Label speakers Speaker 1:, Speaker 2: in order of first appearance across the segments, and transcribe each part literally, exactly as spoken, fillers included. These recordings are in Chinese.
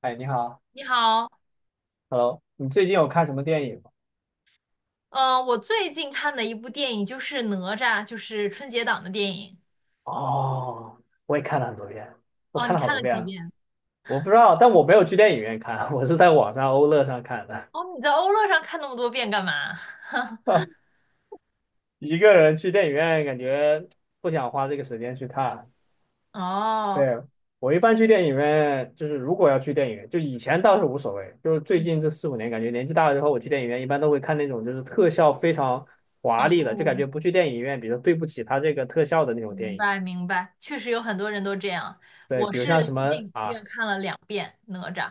Speaker 1: 哎，你好
Speaker 2: 你好，
Speaker 1: ，Hello，你最近有看什么电影吗？
Speaker 2: 呃，我最近看的一部电影就是《哪吒》，就是春节档的电影。
Speaker 1: 哦，我也看了很多遍。我
Speaker 2: 哦，
Speaker 1: 看
Speaker 2: 你
Speaker 1: 了好
Speaker 2: 看
Speaker 1: 多
Speaker 2: 了
Speaker 1: 遍
Speaker 2: 几
Speaker 1: 了，
Speaker 2: 遍？
Speaker 1: 我不知道，但我没有去电影院看，我是在网上欧乐上看的。
Speaker 2: 哦，你在欧乐上看那么多遍干嘛？
Speaker 1: 一个人去电影院，感觉不想花这个时间去看。
Speaker 2: 哦，
Speaker 1: 对，我一般去电影院，就是如果要去电影院，就以前倒是无所谓，就是最
Speaker 2: 嗯
Speaker 1: 近这四五年，感觉年纪大了之后，我去电影院一般都会看那种就是特效非常华丽的，就感
Speaker 2: 哦，
Speaker 1: 觉不去电影院，比如说对不起他这个特效的那种
Speaker 2: 明
Speaker 1: 电影。
Speaker 2: 白明白，确实有很多人都这样。
Speaker 1: 对，
Speaker 2: 我
Speaker 1: 比如
Speaker 2: 是
Speaker 1: 像什
Speaker 2: 去电
Speaker 1: 么
Speaker 2: 影院
Speaker 1: 啊
Speaker 2: 看了两遍《哪吒》，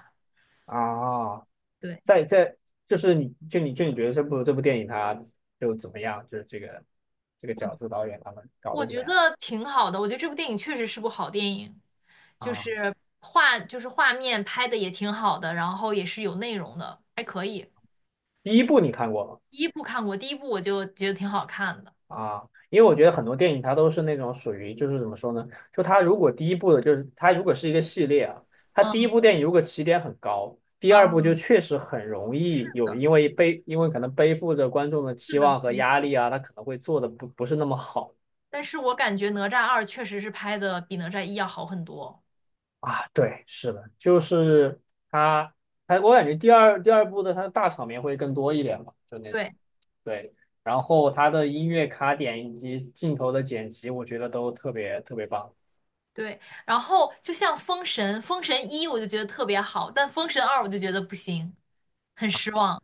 Speaker 1: 啊，
Speaker 2: 对，
Speaker 1: 在在就是你就你就你觉得这部这部电影它就怎么样？就是这个这个饺子
Speaker 2: 我
Speaker 1: 导演他们搞
Speaker 2: 我
Speaker 1: 的怎么
Speaker 2: 觉
Speaker 1: 样
Speaker 2: 得挺好的，我觉得这部电影确实是部好电影，就
Speaker 1: 啊？
Speaker 2: 是画就是画面拍的也挺好的，然后也是有内容的，还可以。
Speaker 1: 第一部你看过吗？
Speaker 2: 第一部看过，第一部我就觉得挺好看的。
Speaker 1: 啊，因为我觉得很多电影它都是那种属于就是怎么说呢？就它如果第一部的就是它如果是一个系列啊，它第一
Speaker 2: 嗯
Speaker 1: 部电影如果起点很高，第二部
Speaker 2: 嗯，
Speaker 1: 就确实很容
Speaker 2: 是
Speaker 1: 易有
Speaker 2: 的，
Speaker 1: 因为背因为可能背负着观众的
Speaker 2: 是
Speaker 1: 期
Speaker 2: 的，
Speaker 1: 望和
Speaker 2: 没
Speaker 1: 压
Speaker 2: 错。
Speaker 1: 力啊，它可能会做的不不是那么好。
Speaker 2: 但是我感觉哪吒二确实是拍的比哪吒一要好很多。
Speaker 1: 啊，对，是的，就是他，他，我感觉第二第二部的他的大场面会更多一点吧，就那种，
Speaker 2: 对
Speaker 1: 对，然后他的音乐卡点以及镜头的剪辑，我觉得都特别特别棒。
Speaker 2: 对，然后就像封神，封神一我就觉得特别好，但封神二我就觉得不行，很失望。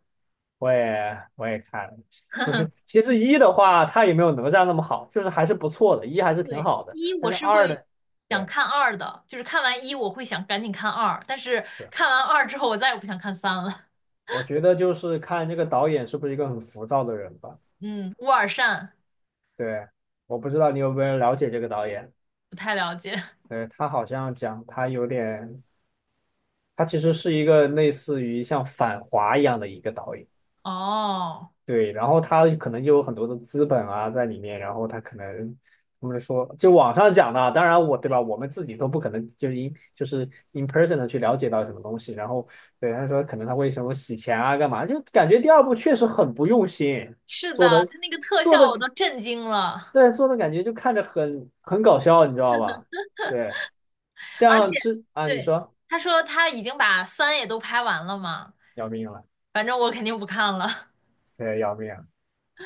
Speaker 1: 我也我也看了，不是，其实一的话，他也没有哪吒那么好，就是还是不错的，一还是挺
Speaker 2: 对，
Speaker 1: 好的，
Speaker 2: 一
Speaker 1: 但
Speaker 2: 我
Speaker 1: 是
Speaker 2: 是
Speaker 1: 二
Speaker 2: 会
Speaker 1: 的，
Speaker 2: 想
Speaker 1: 对，
Speaker 2: 看二的，就是看完一我会想赶紧看二，但是
Speaker 1: 是，
Speaker 2: 看完二之后我再也不想看三了。
Speaker 1: 我觉得就是看这个导演是不是一个很浮躁的人吧，
Speaker 2: 嗯，乌尔善
Speaker 1: 对。我不知道你有没有了解这个导演，
Speaker 2: 不太了解。
Speaker 1: 对，他好像讲他有点他其实是一个类似于像反华一样的一个导演，
Speaker 2: 哦。
Speaker 1: 对，然后他可能就有很多的资本啊在里面，然后他可能他们说，就网上讲的啊当然我对吧，我们自己都不可能就是 in 就是 in person 的去了解到什么东西，然后对他说可能他会什么洗钱啊干嘛，就感觉第二部确实很不用心
Speaker 2: 是
Speaker 1: 做
Speaker 2: 的，
Speaker 1: 的
Speaker 2: 他那个特
Speaker 1: 做
Speaker 2: 效我都
Speaker 1: 的
Speaker 2: 震惊了，
Speaker 1: 对做的感觉就看着很很搞笑，你知道吧？对，
Speaker 2: 而
Speaker 1: 像
Speaker 2: 且，
Speaker 1: 之啊你
Speaker 2: 对，
Speaker 1: 说
Speaker 2: 他说他已经把三也都拍完了嘛，
Speaker 1: 要命了，
Speaker 2: 反正我肯定不看了。
Speaker 1: 对要命了。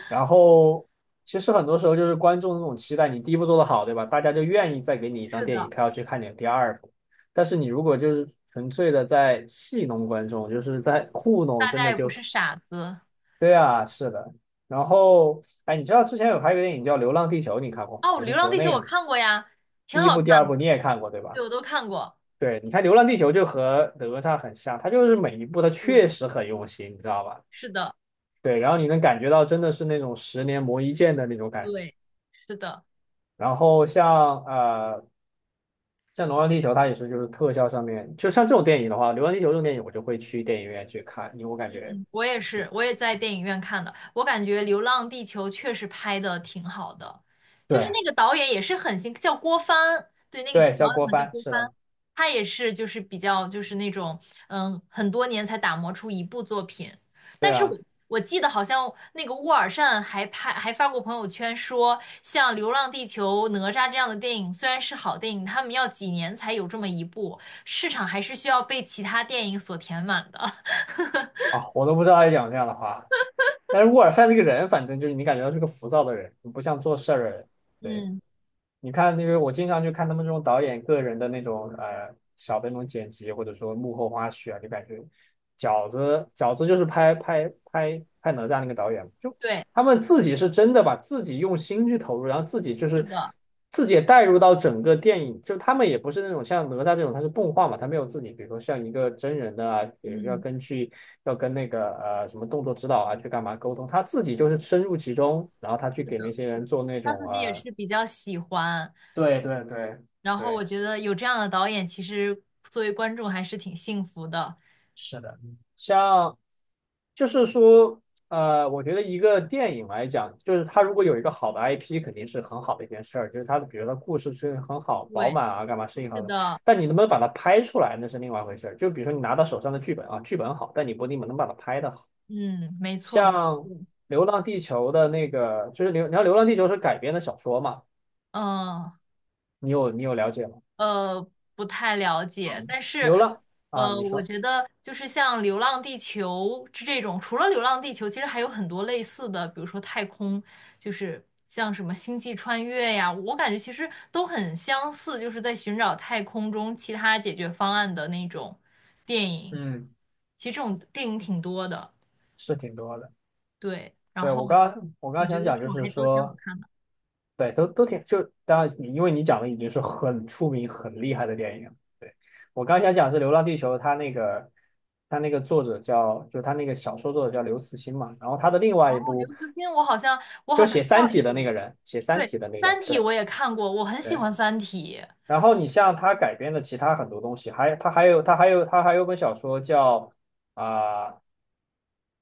Speaker 1: 然后其实很多时候就是观众那种期待，你第一部做的好，对吧？大家就愿意再给你一张
Speaker 2: 是
Speaker 1: 电影
Speaker 2: 的，
Speaker 1: 票去看你的第二部。但是你如果就是纯粹的在戏弄观众，就是在糊弄，
Speaker 2: 大
Speaker 1: 真
Speaker 2: 家
Speaker 1: 的
Speaker 2: 也不
Speaker 1: 就
Speaker 2: 是傻子。
Speaker 1: 对啊，是的。然后哎，你知道之前有拍一个电影叫《流浪地球》，你看过吗？
Speaker 2: 哦，
Speaker 1: 也是
Speaker 2: 《流浪
Speaker 1: 国
Speaker 2: 地球》
Speaker 1: 内
Speaker 2: 我
Speaker 1: 的，
Speaker 2: 看过呀，挺
Speaker 1: 第一
Speaker 2: 好
Speaker 1: 部、第
Speaker 2: 看
Speaker 1: 二
Speaker 2: 的，
Speaker 1: 部你也看过，对吧？
Speaker 2: 对，我都看过。
Speaker 1: 对，你看《流浪地球》就和哪吒很像，它就是每一部它
Speaker 2: 对，
Speaker 1: 确实很用心，你知道吧？
Speaker 2: 是的，
Speaker 1: 对，然后你能感觉到真的是那种十年磨一剑的那种感觉。
Speaker 2: 对，是的。
Speaker 1: 然后像呃像《流浪地球》，它也是就是特效上面，就像这种电影的话，《流浪地球》这种电影我就会去电影院去看，因为我感觉
Speaker 2: 我也是，我也在电影院看的。我感觉《流浪地球》确实拍的挺好的，就是
Speaker 1: 对，
Speaker 2: 那个导演也是很新，叫郭帆，对，那个导演
Speaker 1: 对叫
Speaker 2: 好
Speaker 1: 郭
Speaker 2: 像叫
Speaker 1: 帆，
Speaker 2: 郭
Speaker 1: 是
Speaker 2: 帆，
Speaker 1: 的，
Speaker 2: 他也是就是比较就是那种嗯很多年才打磨出一部作品。
Speaker 1: 对
Speaker 2: 但是我
Speaker 1: 啊，
Speaker 2: 我记得好像那个沃尔善还拍还发过朋友圈说，像《流浪地球》《哪吒》这样的电影虽然是好电影，他们要几年才有这么一部，市场还是需要被其他电影所填满的。
Speaker 1: 啊我都不知道他讲这样的话。但是沃尔善这个人，反正就是你感觉到是个浮躁的人，不像做事儿的人。对。
Speaker 2: 嗯，
Speaker 1: 你看那个，我经常去看他们这种导演个人的那种呃小的那种剪辑，或者说幕后花絮啊，就感觉饺子饺子就是拍拍拍拍哪吒那个导演，就
Speaker 2: 对。
Speaker 1: 他们自己是真的把自己用心去投入，然后自己就
Speaker 2: 是
Speaker 1: 是
Speaker 2: 的。
Speaker 1: 自己也带入到整个电影，就他们也不是那种像哪吒这种，它是动画嘛，他没有自己，比如说像一个真人的啊，比如要
Speaker 2: 嗯，
Speaker 1: 根据要跟那个呃什么动作指导啊去干嘛沟通，他自己就是深入其中，然后他去
Speaker 2: 是
Speaker 1: 给那
Speaker 2: 的，
Speaker 1: 些
Speaker 2: 是
Speaker 1: 人
Speaker 2: 的，
Speaker 1: 做那
Speaker 2: 他
Speaker 1: 种
Speaker 2: 自己也
Speaker 1: 呃。
Speaker 2: 是比较喜欢，
Speaker 1: 对对对
Speaker 2: 然后我
Speaker 1: 对，
Speaker 2: 觉得有这样的导演，其实作为观众还是挺幸福的。
Speaker 1: 是的，像就是说，呃，我觉得一个电影来讲，就是它如果有一个好的 I P，肯定是很好的一件事儿，就是它的，比如它故事是很好、饱
Speaker 2: 对，
Speaker 1: 满啊，干嘛适应好
Speaker 2: 是
Speaker 1: 的。
Speaker 2: 的，
Speaker 1: 但你能不能把它拍出来，那是另外一回事儿。就比如说你拿到手上的剧本啊，剧本好，但你不一定能把它拍的好。
Speaker 2: 嗯，没错，没
Speaker 1: 像
Speaker 2: 错，
Speaker 1: 《流浪地球》的那个，就是流，你看《流浪地球》是改编的小说嘛，
Speaker 2: 嗯，
Speaker 1: 你有你有了解吗？
Speaker 2: 呃，不太了解，
Speaker 1: 嗯，
Speaker 2: 但是，
Speaker 1: 流浪啊，
Speaker 2: 呃，
Speaker 1: 你
Speaker 2: 我
Speaker 1: 说，
Speaker 2: 觉得就是像《流浪地球》这种，除了《流浪地球》，其实还有很多类似的，比如说太空，就是像什么《星际穿越》呀，我感觉其实都很相似，就是在寻找太空中其他解决方案的那种电影。
Speaker 1: 嗯，
Speaker 2: 其实这种电影挺多的，
Speaker 1: 是挺多的。
Speaker 2: 对。然
Speaker 1: 对，
Speaker 2: 后
Speaker 1: 我刚刚我刚
Speaker 2: 我
Speaker 1: 刚
Speaker 2: 觉
Speaker 1: 想
Speaker 2: 得
Speaker 1: 讲，
Speaker 2: 这
Speaker 1: 就
Speaker 2: 种
Speaker 1: 是
Speaker 2: 还都挺好
Speaker 1: 说，
Speaker 2: 看的。
Speaker 1: 对，都都挺，就当然你因为你讲的已经是很出名、很厉害的电影了对，我刚刚想讲是《流浪地球》，它那个它那个作者叫，就它那个小说作者叫刘慈欣嘛，然后他的另外
Speaker 2: 然
Speaker 1: 一
Speaker 2: 后刘
Speaker 1: 部
Speaker 2: 慈欣，我好像我好
Speaker 1: 就
Speaker 2: 像
Speaker 1: 写
Speaker 2: 知道
Speaker 1: 《三体》
Speaker 2: 这个
Speaker 1: 的那个
Speaker 2: 人。
Speaker 1: 人，写《三
Speaker 2: 对，
Speaker 1: 体》的那个，
Speaker 2: 《三体》
Speaker 1: 对
Speaker 2: 我也看过，我很喜
Speaker 1: 对。
Speaker 2: 欢《三体》。
Speaker 1: 然后你像他改编的其他很多东西，还他还有他还有他还有本小说叫啊、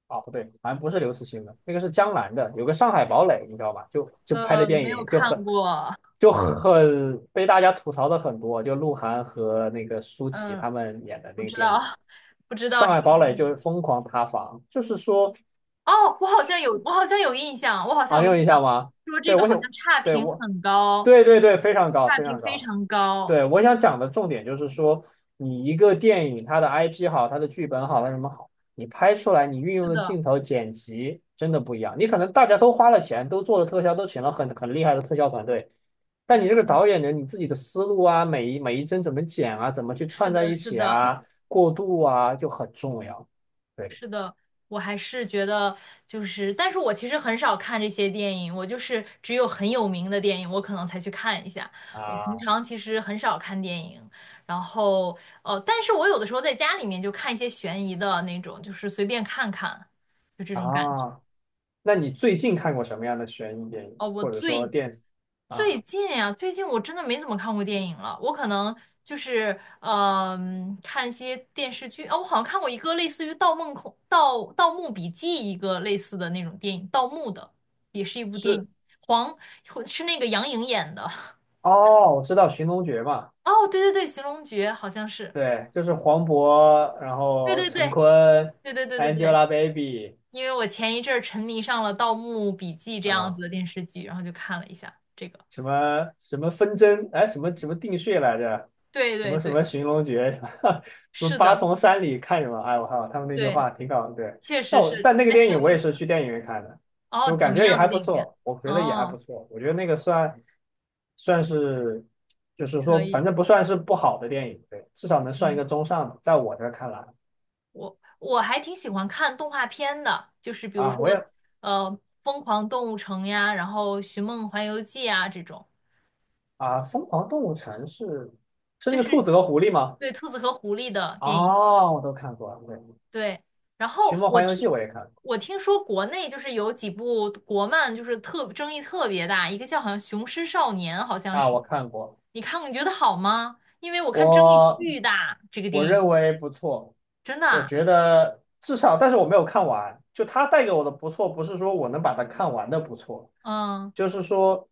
Speaker 1: 啊，不对，好像不是刘慈欣的，那个是江南的，有个《上海堡垒》，你知道吧？就就拍的
Speaker 2: 呃，
Speaker 1: 电
Speaker 2: 没有
Speaker 1: 影就
Speaker 2: 看
Speaker 1: 很
Speaker 2: 过，
Speaker 1: 就很被大家吐槽的很多，就鹿晗和那个舒淇
Speaker 2: 嗯，
Speaker 1: 他们演的
Speaker 2: 不
Speaker 1: 那个
Speaker 2: 知
Speaker 1: 电
Speaker 2: 道，
Speaker 1: 影。
Speaker 2: 不知道
Speaker 1: 上
Speaker 2: 这个
Speaker 1: 海堡
Speaker 2: 电
Speaker 1: 垒就是
Speaker 2: 影。
Speaker 1: 疯狂塌房，就是说
Speaker 2: 哦，我好像有，我好像有印象，我好像
Speaker 1: 啊，你
Speaker 2: 有印
Speaker 1: 有印
Speaker 2: 象，
Speaker 1: 象吗？
Speaker 2: 说这
Speaker 1: 对，
Speaker 2: 个
Speaker 1: 我
Speaker 2: 好
Speaker 1: 想，
Speaker 2: 像差
Speaker 1: 对
Speaker 2: 评
Speaker 1: 我，
Speaker 2: 很高，
Speaker 1: 对对对，非常高，
Speaker 2: 差
Speaker 1: 非
Speaker 2: 评
Speaker 1: 常
Speaker 2: 非
Speaker 1: 高。
Speaker 2: 常高。
Speaker 1: 对，我想讲的重点就是说，你一个电影，它的 I P 好，它的剧本好，它什么好，你拍出来，你运用
Speaker 2: 是
Speaker 1: 的
Speaker 2: 的，
Speaker 1: 镜头、剪辑真的不一样。你可能大家都花了钱，都做了特效，都请了很很厉害的特效团队，但
Speaker 2: 嗯，
Speaker 1: 你这个导演呢，你自己的思路啊，每一每一帧怎么剪啊，怎么去
Speaker 2: 是
Speaker 1: 串在
Speaker 2: 的，
Speaker 1: 一
Speaker 2: 是
Speaker 1: 起
Speaker 2: 的。
Speaker 1: 啊，过渡啊，就很重要。对
Speaker 2: 我还是觉得就是，但是我其实很少看这些电影，我就是只有很有名的电影，我可能才去看一下。我平
Speaker 1: 啊
Speaker 2: 常其实很少看电影，然后呃，但是我有的时候在家里面就看一些悬疑的那种，就是随便看看，就这种感觉。
Speaker 1: 啊，那你最近看过什么样的悬疑电影，
Speaker 2: 哦，我
Speaker 1: 或者说
Speaker 2: 最
Speaker 1: 电视啊？
Speaker 2: 最近呀、最近我真的没怎么看过电影了。我可能就是嗯、看一些电视剧啊。我好像看过一个类似于《盗梦空》《盗盗墓笔记》一个类似的那种电影，盗墓的，也是一部电
Speaker 1: 是
Speaker 2: 影，黄是那个杨颖演的。
Speaker 1: 哦，我知道《寻龙诀》嘛。
Speaker 2: 哦，对对对，《寻龙诀》好像是，
Speaker 1: 对，就是黄渤，然
Speaker 2: 对
Speaker 1: 后
Speaker 2: 对
Speaker 1: 陈
Speaker 2: 对
Speaker 1: 坤
Speaker 2: 对对对对对。
Speaker 1: ，Angelababy
Speaker 2: 因为我前一阵儿沉迷上了《盗墓笔记》这样
Speaker 1: 啊，
Speaker 2: 子的电视剧，然后就看了一下这个。
Speaker 1: 什么什么纷争，哎，什么什么定穴来着，
Speaker 2: 对
Speaker 1: 什
Speaker 2: 对
Speaker 1: 么什
Speaker 2: 对，
Speaker 1: 么寻龙诀，什么什么
Speaker 2: 是
Speaker 1: 八
Speaker 2: 的，
Speaker 1: 重山里看什么，哎，我靠，他们那句
Speaker 2: 对，
Speaker 1: 话挺搞，对。
Speaker 2: 确
Speaker 1: 但
Speaker 2: 实
Speaker 1: 我
Speaker 2: 是，
Speaker 1: 但那个
Speaker 2: 还
Speaker 1: 电
Speaker 2: 挺
Speaker 1: 影
Speaker 2: 有
Speaker 1: 我
Speaker 2: 意
Speaker 1: 也
Speaker 2: 思。
Speaker 1: 是
Speaker 2: 的。
Speaker 1: 去电影院看的，
Speaker 2: 哦，
Speaker 1: 我
Speaker 2: 怎
Speaker 1: 感
Speaker 2: 么
Speaker 1: 觉也
Speaker 2: 样
Speaker 1: 还
Speaker 2: 的
Speaker 1: 不
Speaker 2: 电影院？
Speaker 1: 错，我觉得也还
Speaker 2: 哦，
Speaker 1: 不错，我觉得那个算算是，就是
Speaker 2: 可
Speaker 1: 说
Speaker 2: 以，
Speaker 1: 反正不算是不好的电影，对，至少能算一
Speaker 2: 嗯，
Speaker 1: 个中上的，在我这儿看来
Speaker 2: 我我还挺喜欢看动画片的，就是比如
Speaker 1: 啊，我
Speaker 2: 说，
Speaker 1: 也
Speaker 2: 呃，《疯狂动物城》呀，然后《寻梦环游记》啊这种，
Speaker 1: 啊，《疯狂动物城》是是
Speaker 2: 就
Speaker 1: 那个兔
Speaker 2: 是
Speaker 1: 子和狐狸吗？
Speaker 2: 对兔子和狐狸的电影。
Speaker 1: 啊，我都看过，对，
Speaker 2: 对，然后
Speaker 1: 《寻梦
Speaker 2: 我
Speaker 1: 环游记》
Speaker 2: 听
Speaker 1: 我也看过
Speaker 2: 我听说国内就是有几部国漫，就是特争议特别大，一个叫好像《雄狮少年》，好像
Speaker 1: 啊，
Speaker 2: 是，
Speaker 1: 我看过，
Speaker 2: 你看过你觉得好吗？因为我看争议
Speaker 1: 我。
Speaker 2: 巨大，这个
Speaker 1: 我
Speaker 2: 电影
Speaker 1: 认为不错，
Speaker 2: 真的
Speaker 1: 我
Speaker 2: 啊
Speaker 1: 觉得至少，但是我没有看完。就它带给我的不错，不是说我能把它看完的不错，
Speaker 2: 嗯。
Speaker 1: 就是说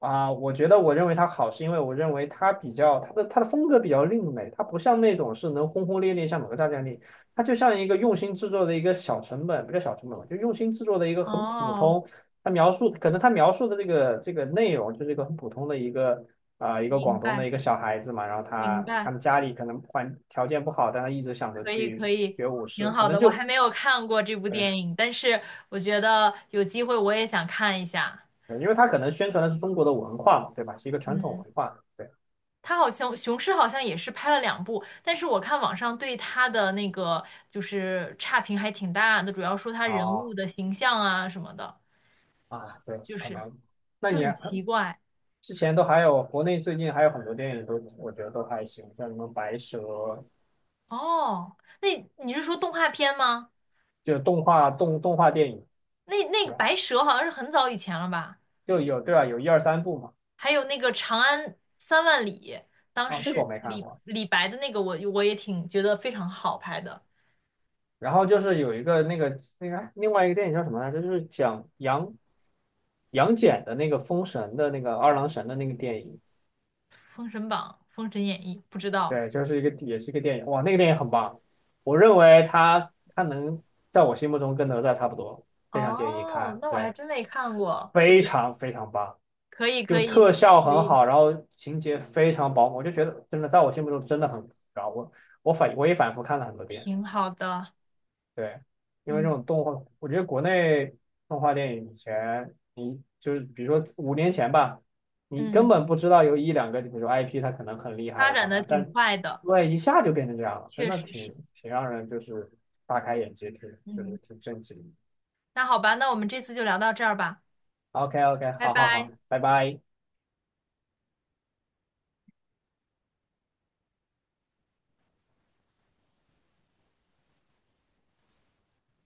Speaker 1: 啊、我觉得我认为它好，是因为我认为它比较它的它的风格比较另类，它不像那种是能轰轰烈烈像哪个大战力，它就像一个用心制作的一个小成本，不叫小成本吧，就用心制作的一个很普
Speaker 2: 哦，
Speaker 1: 通。它描述可能它描述的这个这个内容就是一个很普通的一个啊，一个
Speaker 2: 明
Speaker 1: 广东
Speaker 2: 白，
Speaker 1: 的一个小孩子嘛，然后
Speaker 2: 明
Speaker 1: 他他
Speaker 2: 白，
Speaker 1: 们家里可能环条件不好，但他一直想着
Speaker 2: 可以，
Speaker 1: 去
Speaker 2: 可以，
Speaker 1: 学武士，
Speaker 2: 挺
Speaker 1: 可
Speaker 2: 好
Speaker 1: 能
Speaker 2: 的。我
Speaker 1: 就
Speaker 2: 还没有看过这部
Speaker 1: 对，
Speaker 2: 电影，但是我觉得有机会我也想看一下。
Speaker 1: 对因为他可能宣传的是中国的文化嘛，对吧？是一个传统
Speaker 2: 嗯，
Speaker 1: 文化，对，
Speaker 2: 他好像雄狮好像也是拍了两部，但是我看网上对他的那个就是差评还挺大的，主要说他人物
Speaker 1: 哦
Speaker 2: 的形象啊什么的，
Speaker 1: 啊，对，
Speaker 2: 就
Speaker 1: 可
Speaker 2: 是
Speaker 1: 能。那
Speaker 2: 就
Speaker 1: 你
Speaker 2: 很奇怪。
Speaker 1: 之前都还有国内最近还有很多电影都，我觉得都还行，像什么白蛇，
Speaker 2: 哦，那你是说动画片吗？
Speaker 1: 就动画动动画电影，
Speaker 2: 那那个
Speaker 1: 对吧？
Speaker 2: 白蛇好像是很早以前了吧？
Speaker 1: 就有对吧？有一二三部嘛，
Speaker 2: 还有那个《长安三万里》，当
Speaker 1: 啊、
Speaker 2: 时
Speaker 1: 这个我
Speaker 2: 是
Speaker 1: 没看
Speaker 2: 李
Speaker 1: 过。
Speaker 2: 李白的那个我，我也挺觉得非常好拍的，
Speaker 1: 然后就是有一个那个那个另外一个电影叫什么来着？就是讲羊。杨戬的那个封神的那个二郎神的那个电影，
Speaker 2: 《封神榜》《封神演义》，不知道
Speaker 1: 对，就是一个也是一个电影，哇，那个电影很棒，我认为他他能在我心目中跟哪吒差不多，非常建议
Speaker 2: 哦，
Speaker 1: 看，
Speaker 2: 那我还
Speaker 1: 对，
Speaker 2: 真没看过，不
Speaker 1: 非
Speaker 2: 知
Speaker 1: 常非常棒，
Speaker 2: 可以，可
Speaker 1: 就
Speaker 2: 以，
Speaker 1: 特效
Speaker 2: 可
Speaker 1: 很
Speaker 2: 以，
Speaker 1: 好，然后情节非常饱满，我就觉得真的在我心目中真的很高，我我反我也反复看了很多遍，
Speaker 2: 挺好的，
Speaker 1: 对，因为这
Speaker 2: 嗯
Speaker 1: 种动画，我觉得国内动画电影以前，你就是比如说五年前吧，你根
Speaker 2: 嗯，
Speaker 1: 本不知道有一两个，比如说 I P，它可能很厉害
Speaker 2: 发
Speaker 1: 或者
Speaker 2: 展
Speaker 1: 干
Speaker 2: 的
Speaker 1: 嘛，
Speaker 2: 挺
Speaker 1: 但
Speaker 2: 快的，
Speaker 1: 对一下就变成这样了，真
Speaker 2: 确
Speaker 1: 的
Speaker 2: 实
Speaker 1: 挺
Speaker 2: 是，
Speaker 1: 挺让人就是大开眼界，挺就
Speaker 2: 嗯，
Speaker 1: 是挺震惊。
Speaker 2: 那好吧，那我们这次就聊到这儿吧，
Speaker 1: OK OK，
Speaker 2: 拜
Speaker 1: 好好
Speaker 2: 拜。
Speaker 1: 好，拜拜。